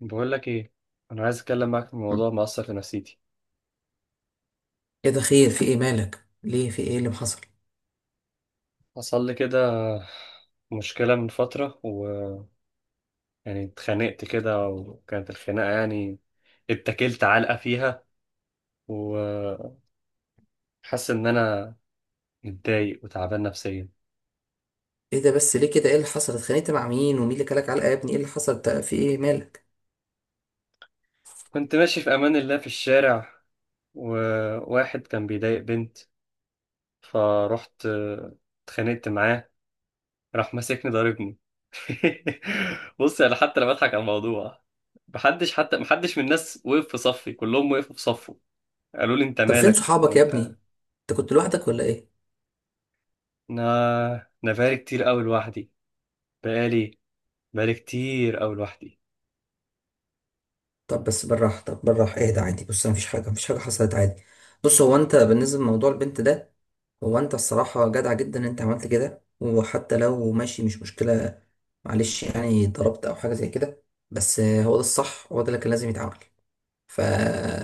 بقول لك ايه؟ انا عايز اتكلم معاك في موضوع مؤثر في نفسيتي. ايه ده، خير، في ايه؟ مالك؟ ليه؟ في ايه اللي محصل؟ حصل لي كده مشكله من فتره، ويعني اتخانقت كده، وكانت الخناقه يعني اتكلت علقه فيها، وحاسس ان انا متضايق وتعبان نفسيا. ايه ده بس؟ ليه كده؟ ايه اللي حصل؟ اتخانقت مع مين؟ ومين اللي كلك علقه يا ابني؟ ايه اللي حصل؟ في ايه؟ مالك؟ كنت ماشي في امان الله في الشارع، وواحد كان بيضايق بنت، فروحت اتخانقت معاه، راح ماسكني ضاربني. بص انا حتى انا بضحك على الموضوع. محدش، حتى محدش من الناس وقف في صفي، كلهم وقفوا في صفه، قالوا لي انت طب فين مالك صحابك يا ابني؟ وانت... انت كنت لوحدك ولا ايه؟ انا انا بقالي كتير قوي لوحدي، بقالي، بقالي كتير قوي لوحدي. طب بس بالراحه، طب بالراحه، ايه ده؟ عادي، بص، مفيش حاجه، مفيش حاجه حصلت، عادي. بص، هو انت بالنسبه لموضوع البنت ده، هو انت الصراحه جدع جدا ان انت عملت كده، وحتى لو ماشي مش مشكله، معلش يعني ضربت او حاجه زي كده، بس هو ده الصح، هو ده اللي كان لازم يتعمل. ف...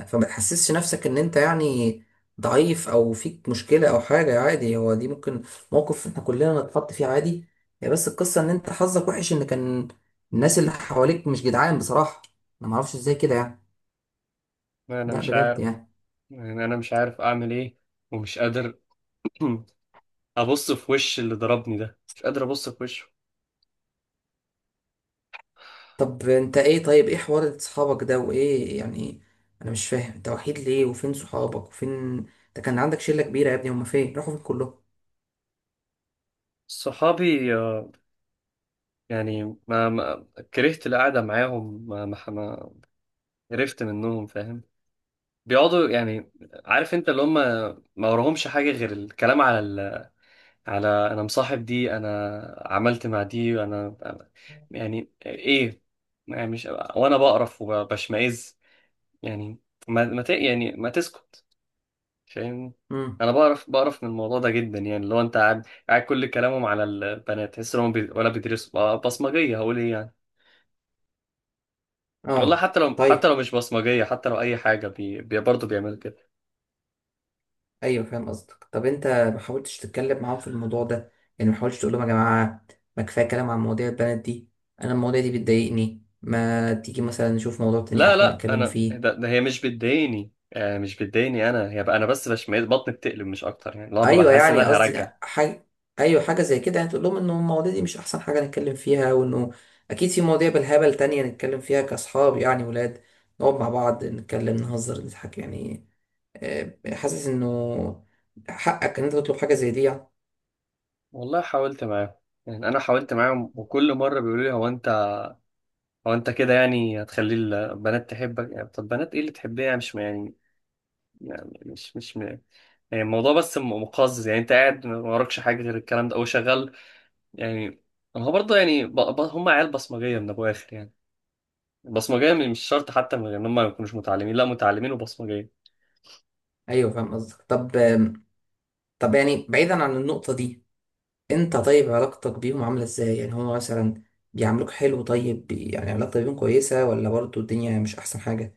فما تحسسش نفسك ان انت يعني ضعيف او فيك مشكلة او حاجة. عادي، هو دي ممكن موقف احنا كلنا نتحط فيه، عادي. هي بس القصة ان انت حظك وحش ان كان الناس اللي حواليك مش جدعان بصراحة. انا معرفش ازاي كده يعني، ما انا لا مش بجد عارف، يعني. يعني انا مش عارف اعمل ايه ومش قادر. ابص في وش اللي ضربني ده، مش قادر ابص في وشه. طب انت ايه؟ طيب ايه حوار اصحابك ده وايه يعني؟ انا مش فاهم، انت وحيد ليه؟ وفين صحابك؟ وفين؟ انت كان عندك شلة كبيرة يا ابني، هما فين؟ راحوا فين كلهم؟ صحابي، يعني ما كرهت القعده معاهم، قرفت منهم، فاهم؟ بيقعدوا يعني، عارف انت اللي هم ما وراهمش حاجه غير الكلام على على... انا مصاحب دي، انا عملت مع دي، وانا انا يعني ايه، يعني مش... وانا بقرف وبشمئز يعني. ما ما ت... يعني ما تسكت، فاهم؟ امم. انا بقرف بقرف من الموضوع ده جدا. يعني لو انت قاعد قاعد كل كلامهم على البنات، تحس انهم ولا بيدرسوا؟ بصمجيه، هقول ايه يعني؟ والله اه. حتى لو حتى طيب، لو مش بصمجيه، حتى لو اي حاجه، برضه بيعمل. ايوه فاهم قصدك. طب انت ما حاولتش تتكلم معاهم في الموضوع ده؟ يعني ما حاولتش تقول لهم يا جماعه ما كفايه كلام عن مواضيع البنات دي، انا المواضيع دي بتضايقني، ما تيجي مثلا نشوف موضوع تاني لا احلى لا، نتكلم انا فيه؟ ده هي مش بتضايقني، مش بتضايقني انا، هي بقى انا بس بشمئز، بطني بتقلب مش اكتر يعني، لا ببقى ايوه حاسس ان يعني انا قصدي هرجع. حاجه، ايوه حاجه زي كده يعني، تقول لهم انه المواضيع دي مش احسن حاجه نتكلم فيها، وانه اكيد في مواضيع بالهبل تانية نتكلم فيها كاصحاب يعني، ولاد نقعد مع بعض نتكلم نهزر نضحك يعني. آه، حاسس انه حقك ان انت تطلب حاجه زي دي يعني. والله حاولت معاهم، يعني انا حاولت معاهم، وكل مره بيقولوا لي هو انت كده يعني هتخلي البنات تحبك؟ يعني طب بنات ايه اللي تحبيه يعني؟ مش يعني مش مش م- يعني الموضوع بس، مقزز يعني. انت قاعد ما وراكش حاجه غير الكلام ده او شغال يعني. هو برضه يعني، هم عيال بصمجيه من ابو اخر يعني. بصمجيه مش شرط، حتى من غير ان هم ما يكونوش متعلمين، لا متعلمين وبصمجيه. ايوه فاهم قصدك. طب آم، طب يعني بعيدا عن النقطة دي، انت طيب علاقتك بيهم عاملة ازاي؟ يعني هما مثلا بيعاملوك حلو؟ طيب يعني علاقتك بيهم كويسة، ولا برضو الدنيا مش احسن حاجة؟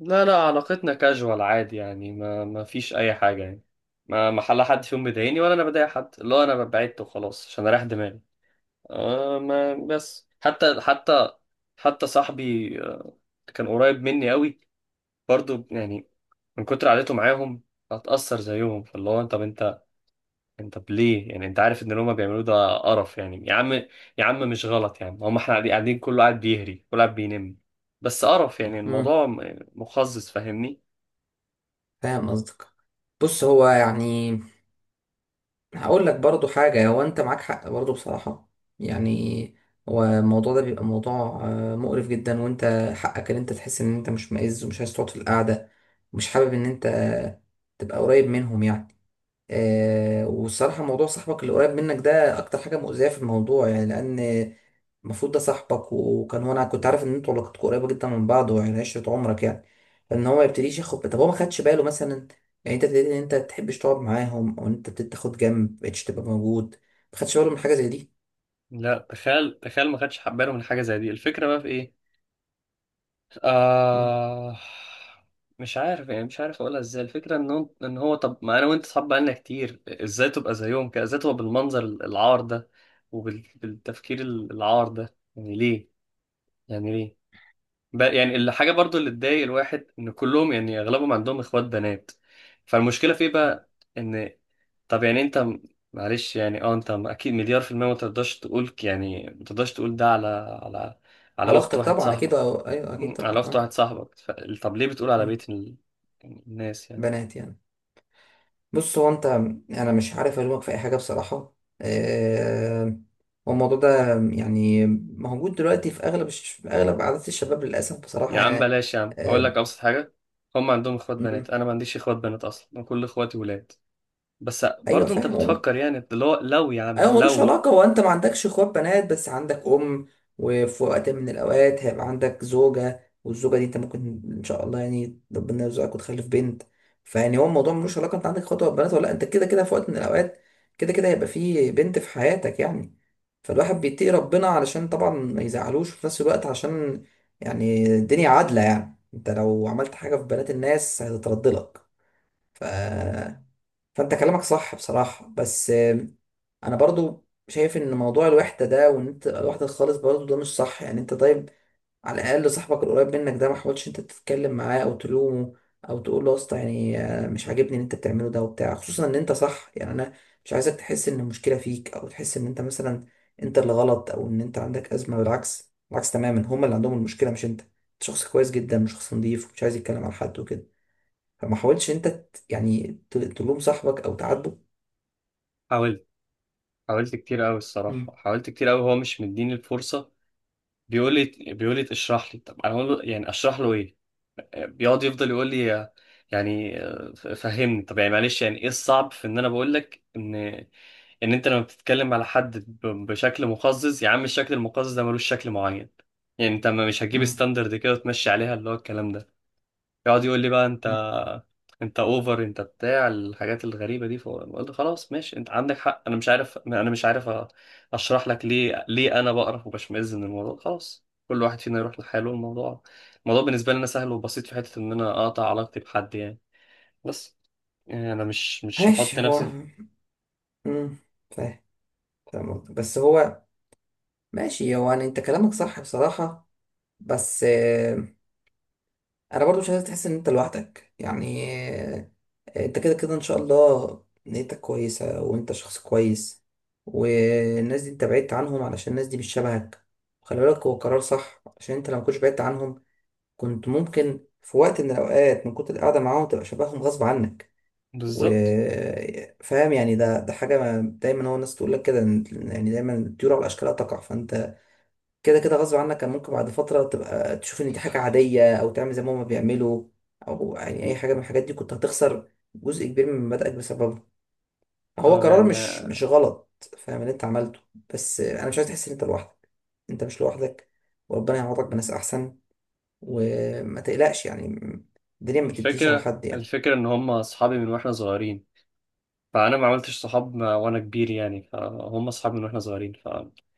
لا لا، علاقتنا كاجوال عادي يعني، ما فيش اي حاجه يعني، ما حلا حد فيهم بيضايقني ولا انا بضايق حد، اللي هو انا بعدت وخلاص عشان اريح دماغي. ما بس، حتى حتى صاحبي، كان قريب مني قوي برضو يعني، من كتر عادته معاهم هتأثر زيهم. فاللي هو طب انت طب ليه يعني؟ انت عارف ان اللي هما بيعملوه ده قرف يعني، يا عم. يا عم مش غلط يعني، هما احنا قاعدين قاعدين، كله قاعد بيهري، كله قاعد بينم. بس قرف يعني، امم، الموضوع مقزز، فاهمني؟ فاهم قصدك. بص، هو يعني هقول لك برضو حاجة، هو انت معاك حق برضو بصراحة، يعني هو الموضوع ده بيبقى موضوع آه، مقرف جدا، وانت حقك ان انت تحس ان انت مش مائز، ومش عايز تقعد في القعدة، ومش حابب ان انت تبقى قريب منهم يعني. آه، والصراحة موضوع صاحبك اللي قريب منك ده أكتر حاجة مؤذية في الموضوع يعني، لأن المفروض ده صاحبك، وكان هو، أنا كنت عارف إن أنتوا علاقتكم قريبة جدا من بعض، ويعني عشرة عمرك يعني. فإن هو ما يبتديش ياخد، طب هو ما خدش باله مثلا؟ يعني أنت ابتديت إن أنت تحبش تقعد معاهم، أو إن أنت ابتديت تاخد جنب، مبقتش تبقى موجود، ما خدش باله من حاجة زي دي؟ لا تخيل، تخيل ما خدش باله من حاجه زي دي، الفكره بقى في ايه؟ مم. آه مش عارف يعني، مش عارف اقولها ازاي. الفكره ان هو طب ما انا وانت اصحاب بقالنا كتير، ازاي تبقى زيهم كده؟ ازاي تبقى بالمنظر العار ده وبالتفكير العار ده؟ يعني ليه؟ يعني ليه؟ يعني الحاجه برضو اللي تضايق الواحد، ان كلهم يعني اغلبهم عندهم اخوات بنات، فالمشكله في ايه بقى؟ ان... طب يعني انت، معلش يعني. اه انت، اكيد مليار في المية، ما تقدرش تقول، يعني ما تقدرش تقول ده على، على على اخت علاقتك واحد طبعا أكيد، صاحبك. أه، أيوه أكيد طبعا، على اخت أه. واحد صاحبك، طب ليه بتقول على مم. بيت الناس يعني؟ بنات يعني. بص هو انت، انا مش عارف الومك في اي حاجه بصراحه. آه، هو الموضوع ده يعني موجود دلوقتي في اغلب في اغلب عادات الشباب للاسف بصراحه يا عم يعني. بلاش، يا عم اقول آه، لك ابسط حاجة. هم عندهم اخوات مم، بنات، انا ما عنديش اخوات بنات اصلا، انا كل اخواتي ولاد. بس ايوه برضو انت فاهم. بتفكر يعني، لو يا عم، ايوه ملوش لو... علاقه، هو انت ما عندكش اخوات بنات، بس عندك ام، وفي وقت من الاوقات هيبقى عندك زوجه، والزوجه دي انت ممكن ان شاء الله يعني ربنا يرزقك وتخلف بنت. فيعني هو الموضوع ملوش علاقه انت عندك اخوات ولا بنات ولا لأ، انت كده كده في وقت من الاوقات، كده كده هيبقى في بنت في حياتك يعني. فالواحد بيتقي ربنا علشان طبعا ما يزعلوش، وفي نفس الوقت عشان يعني الدنيا عادله، يعني انت لو عملت حاجه في بنات الناس هتترد لك. ف... فانت كلامك صح بصراحه، بس انا برضو شايف ان موضوع الوحده ده، وان انت تبقى لوحدك خالص، برضو ده مش صح يعني. انت طيب على الاقل صاحبك القريب منك ده، ما حاولش انت تتكلم معاه او تلومه او تقول له يا اسطى يعني آه، مش عاجبني اللي انت بتعمله ده وبتاع، خصوصا ان انت صح يعني. انا مش عايزك تحس ان المشكله فيك، او تحس ان انت مثلا انت اللي غلط، او ان انت عندك ازمه، بالعكس، بالعكس تماما، هما اللي عندهم المشكله مش انت، انت شخص كويس جدا وشخص نظيف ومش عايز يتكلم على حد وكده. فما حاولش انت يعني تلوم صاحبك او تعاتبه؟ حاولت، حاولت كتير قوي مم. الصراحة، حاولت كتير قوي، هو مش مديني الفرصة. بيقول لي، بيقول لي اشرح لي. طب انا اقول له يعني اشرح له ايه؟ بيقعد يفضل يقول لي يعني فهمني. طب يعني، معلش يعني، ايه الصعب في ان انا بقول لك ان انت لما بتتكلم على حد بشكل مقزز يا عم، الشكل المقزز ده ملوش شكل معين يعني. انت، ما مش هتجيب مم. ستاندرد كده وتمشي عليها اللي هو الكلام ده. يقعد يقول لي بقى انت مم. انت اوفر، انت بتاع الحاجات الغريبه دي. فقلت خلاص ماشي، انت عندك حق، انا مش عارف، اشرح لك ليه انا بقرف وبشمئز من الموضوع. خلاص، كل واحد فينا يروح لحاله. الموضوع، الموضوع بالنسبه لي انا سهل وبسيط في حته ان انا اقطع علاقتي بحد يعني. بس يعني انا مش ماشي هحط هو. نفسي في... امم، فاهم، فاهم قصدك. بس هو ماشي، هو يعني انت كلامك صح بصراحة، بس آه، انا برضو مش عايز تحس ان انت لوحدك يعني. آه، انت كده كده ان شاء الله نيتك كويسة، وانت شخص كويس، والناس دي انت بعدت عنهم علشان الناس دي مش شبهك. خلي بالك هو قرار صح، عشان انت لو مكنتش بعدت عنهم، كنت ممكن في وقت من الاوقات من كتر القعدة معاهم تبقى شبههم غصب عنك. بالظبط. وفاهم يعني، ده حاجة، ما دايما هو الناس تقول لك كده يعني دايما الطيور على أشكالها تقع. فأنت كده كده غصب عنك كان ممكن بعد فترة تبقى تشوف إن دي حاجة عادية، أو تعمل زي ما هما بيعملوا، أو يعني أي مم. حاجة من الحاجات دي، كنت هتخسر جزء كبير من مبادئك بسببه. ده هو قرار يعني... مش غلط، فاهم اللي أنت عملته. بس أنا مش عايز تحس إن أنت لوحدك، أنت مش لوحدك، وربنا يعوضك بناس أحسن، وما تقلقش يعني، الدنيا ما بتنتهيش على الفكره، حد يعني. الفكره ان هم اصحابي من واحنا صغيرين، فانا ما عملتش صحاب، وانا كبير يعني، فهم اصحابي من واحنا صغيرين، ما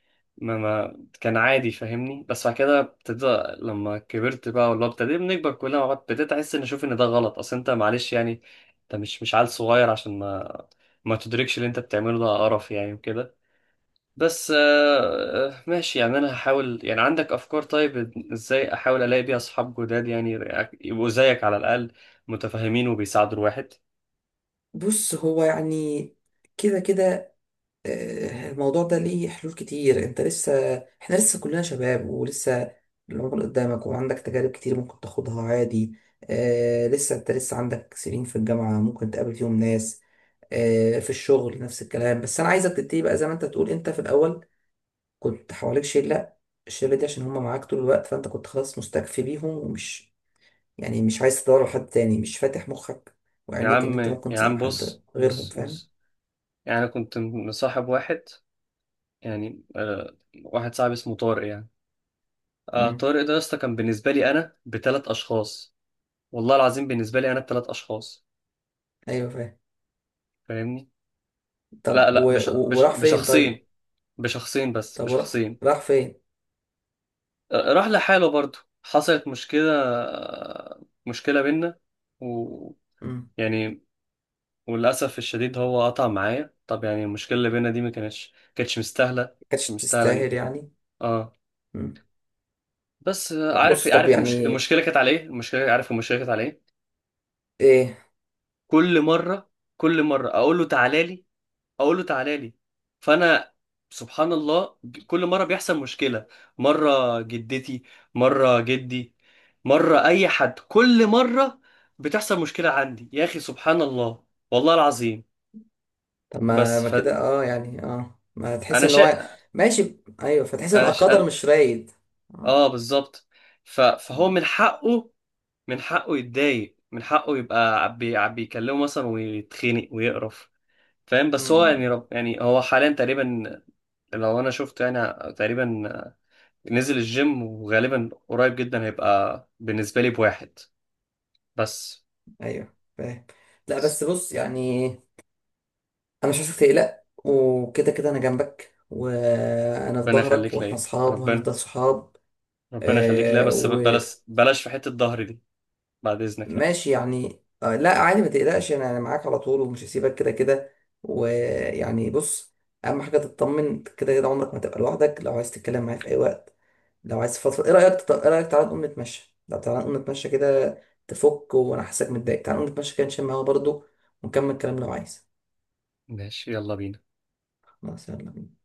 ما كان عادي، فاهمني؟ بس بعد كده ابتدى لما كبرت بقى، والله ابتدينا بنكبر كلنا مع بعض، ابتديت احس ان اشوف ان ده غلط. اصل انت معلش يعني، انت مش عيل صغير عشان ما تدركش اللي انت بتعمله ده قرف يعني وكده. بس، ماشي يعني، انا هحاول يعني. عندك افكار؟ طيب، ازاي احاول الاقي بيها اصحاب جداد يعني؟ يبقوا زيك على الاقل، متفاهمين وبيساعدوا الواحد. بص هو يعني، كده كده آه، الموضوع ده ليه حلول كتير. انت لسه، احنا لسه كلنا شباب، ولسه العمر قدامك، وعندك تجارب كتير ممكن تاخدها عادي. آه لسه انت لسه عندك سنين في الجامعة ممكن تقابل فيهم ناس، آه في الشغل نفس الكلام. بس انا عايزك تبتدي بقى، زي ما انت تقول، انت في الاول كنت حواليك شلة، الشلة دي عشان هما معاك طول الوقت، فانت كنت خلاص مستكفي بيهم، ومش يعني مش عايز تدور على حد تاني، مش فاتح مخك يا وعينيك ان عم، انت ممكن يا تصاحب عم، حد بص غيرهم، بص فاهم؟ بص، يعني انا كنت مصاحب واحد يعني، واحد صاحبي اسمه طارق يعني. مم. طارق ده يا اسطى كان بالنسبة لي أنا بثلاث أشخاص، والله العظيم بالنسبة لي أنا بثلاث أشخاص. ايوه فاهم. فاهمني؟ طب لا لا، وراح فين طيب؟ بشخصين، بشخصين بس طب وراح، بشخصين. راح فين؟ راح لحاله برضه، حصلت مشكلة، مشكلة بينا و... مم. يعني، وللأسف الشديد هو قطع معايا. طب يعني المشكلة اللي بينا دي ما كانتش مستاهلة، ما مش كانتش مستاهلة. تستاهل يعني؟ اه. مم. بس طب عارف، بص، طب عارف يعني المشكلة كانت على ايه؟ المشكلة، عارف المشكلة كانت على ايه؟ ايه؟ كل مرة، كل مرة أقول له تعالى لي، اقول له تعالى لي. فانا سبحان الله، كل مره بيحصل مشكله، مره جدتي، مره جدي، مره اي حد، كل مره بتحصل مشكله عندي، يا اخي سبحان الله، والله العظيم. طب ما بس ما ف... كده، اه يعني، اه ما تحس انا ان هو، شيء، ماشي، ايوه فتحس ان انا ش... القدر أنا... مش رايد. اه. اه بالظبط. فهو مم. من حقه، من حقه يتضايق، من حقه يبقى بيكلمه مثلا ويتخنق ويقرف، فاهم. بس هو يعني، مم. يعني هو حاليا تقريبا، لو انا شفته يعني تقريبا نزل الجيم، وغالبا قريب جدا هيبقى بالنسبة لي بواحد. بس، ايوه فاهم. لا بس. بس بص يعني، انا مش عايزك تقلق، وكده كده انا جنبك، وانا في ربنا ظهرك، يخليك واحنا ليا، اصحاب ربنا وهنفضل صحاب. ربنا يخليك ليا، آه بس، بلاش بلاش في حتة ظهري دي، بعد إذنك يعني. ماشي يعني، آه لا عادي ما تقلقش، أنا معاك على طول، ومش هسيبك كده كده. ويعني بص، اهم حاجه تطمن، كده كده عمرك ما تبقى لوحدك، لو عايز تتكلم معايا في اي وقت، لو عايز فضفض، ايه رايك ايه رايك تعالى نقوم نتمشى؟ لو تعالى نقوم نتمشى كده تفك، وانا حاسسك متضايق، تعالى نقوم نتمشى كده نشم هوا برضو، ونكمل الكلام لو عايز. ماشي، يلا بينا. خلاص، يلا بينا.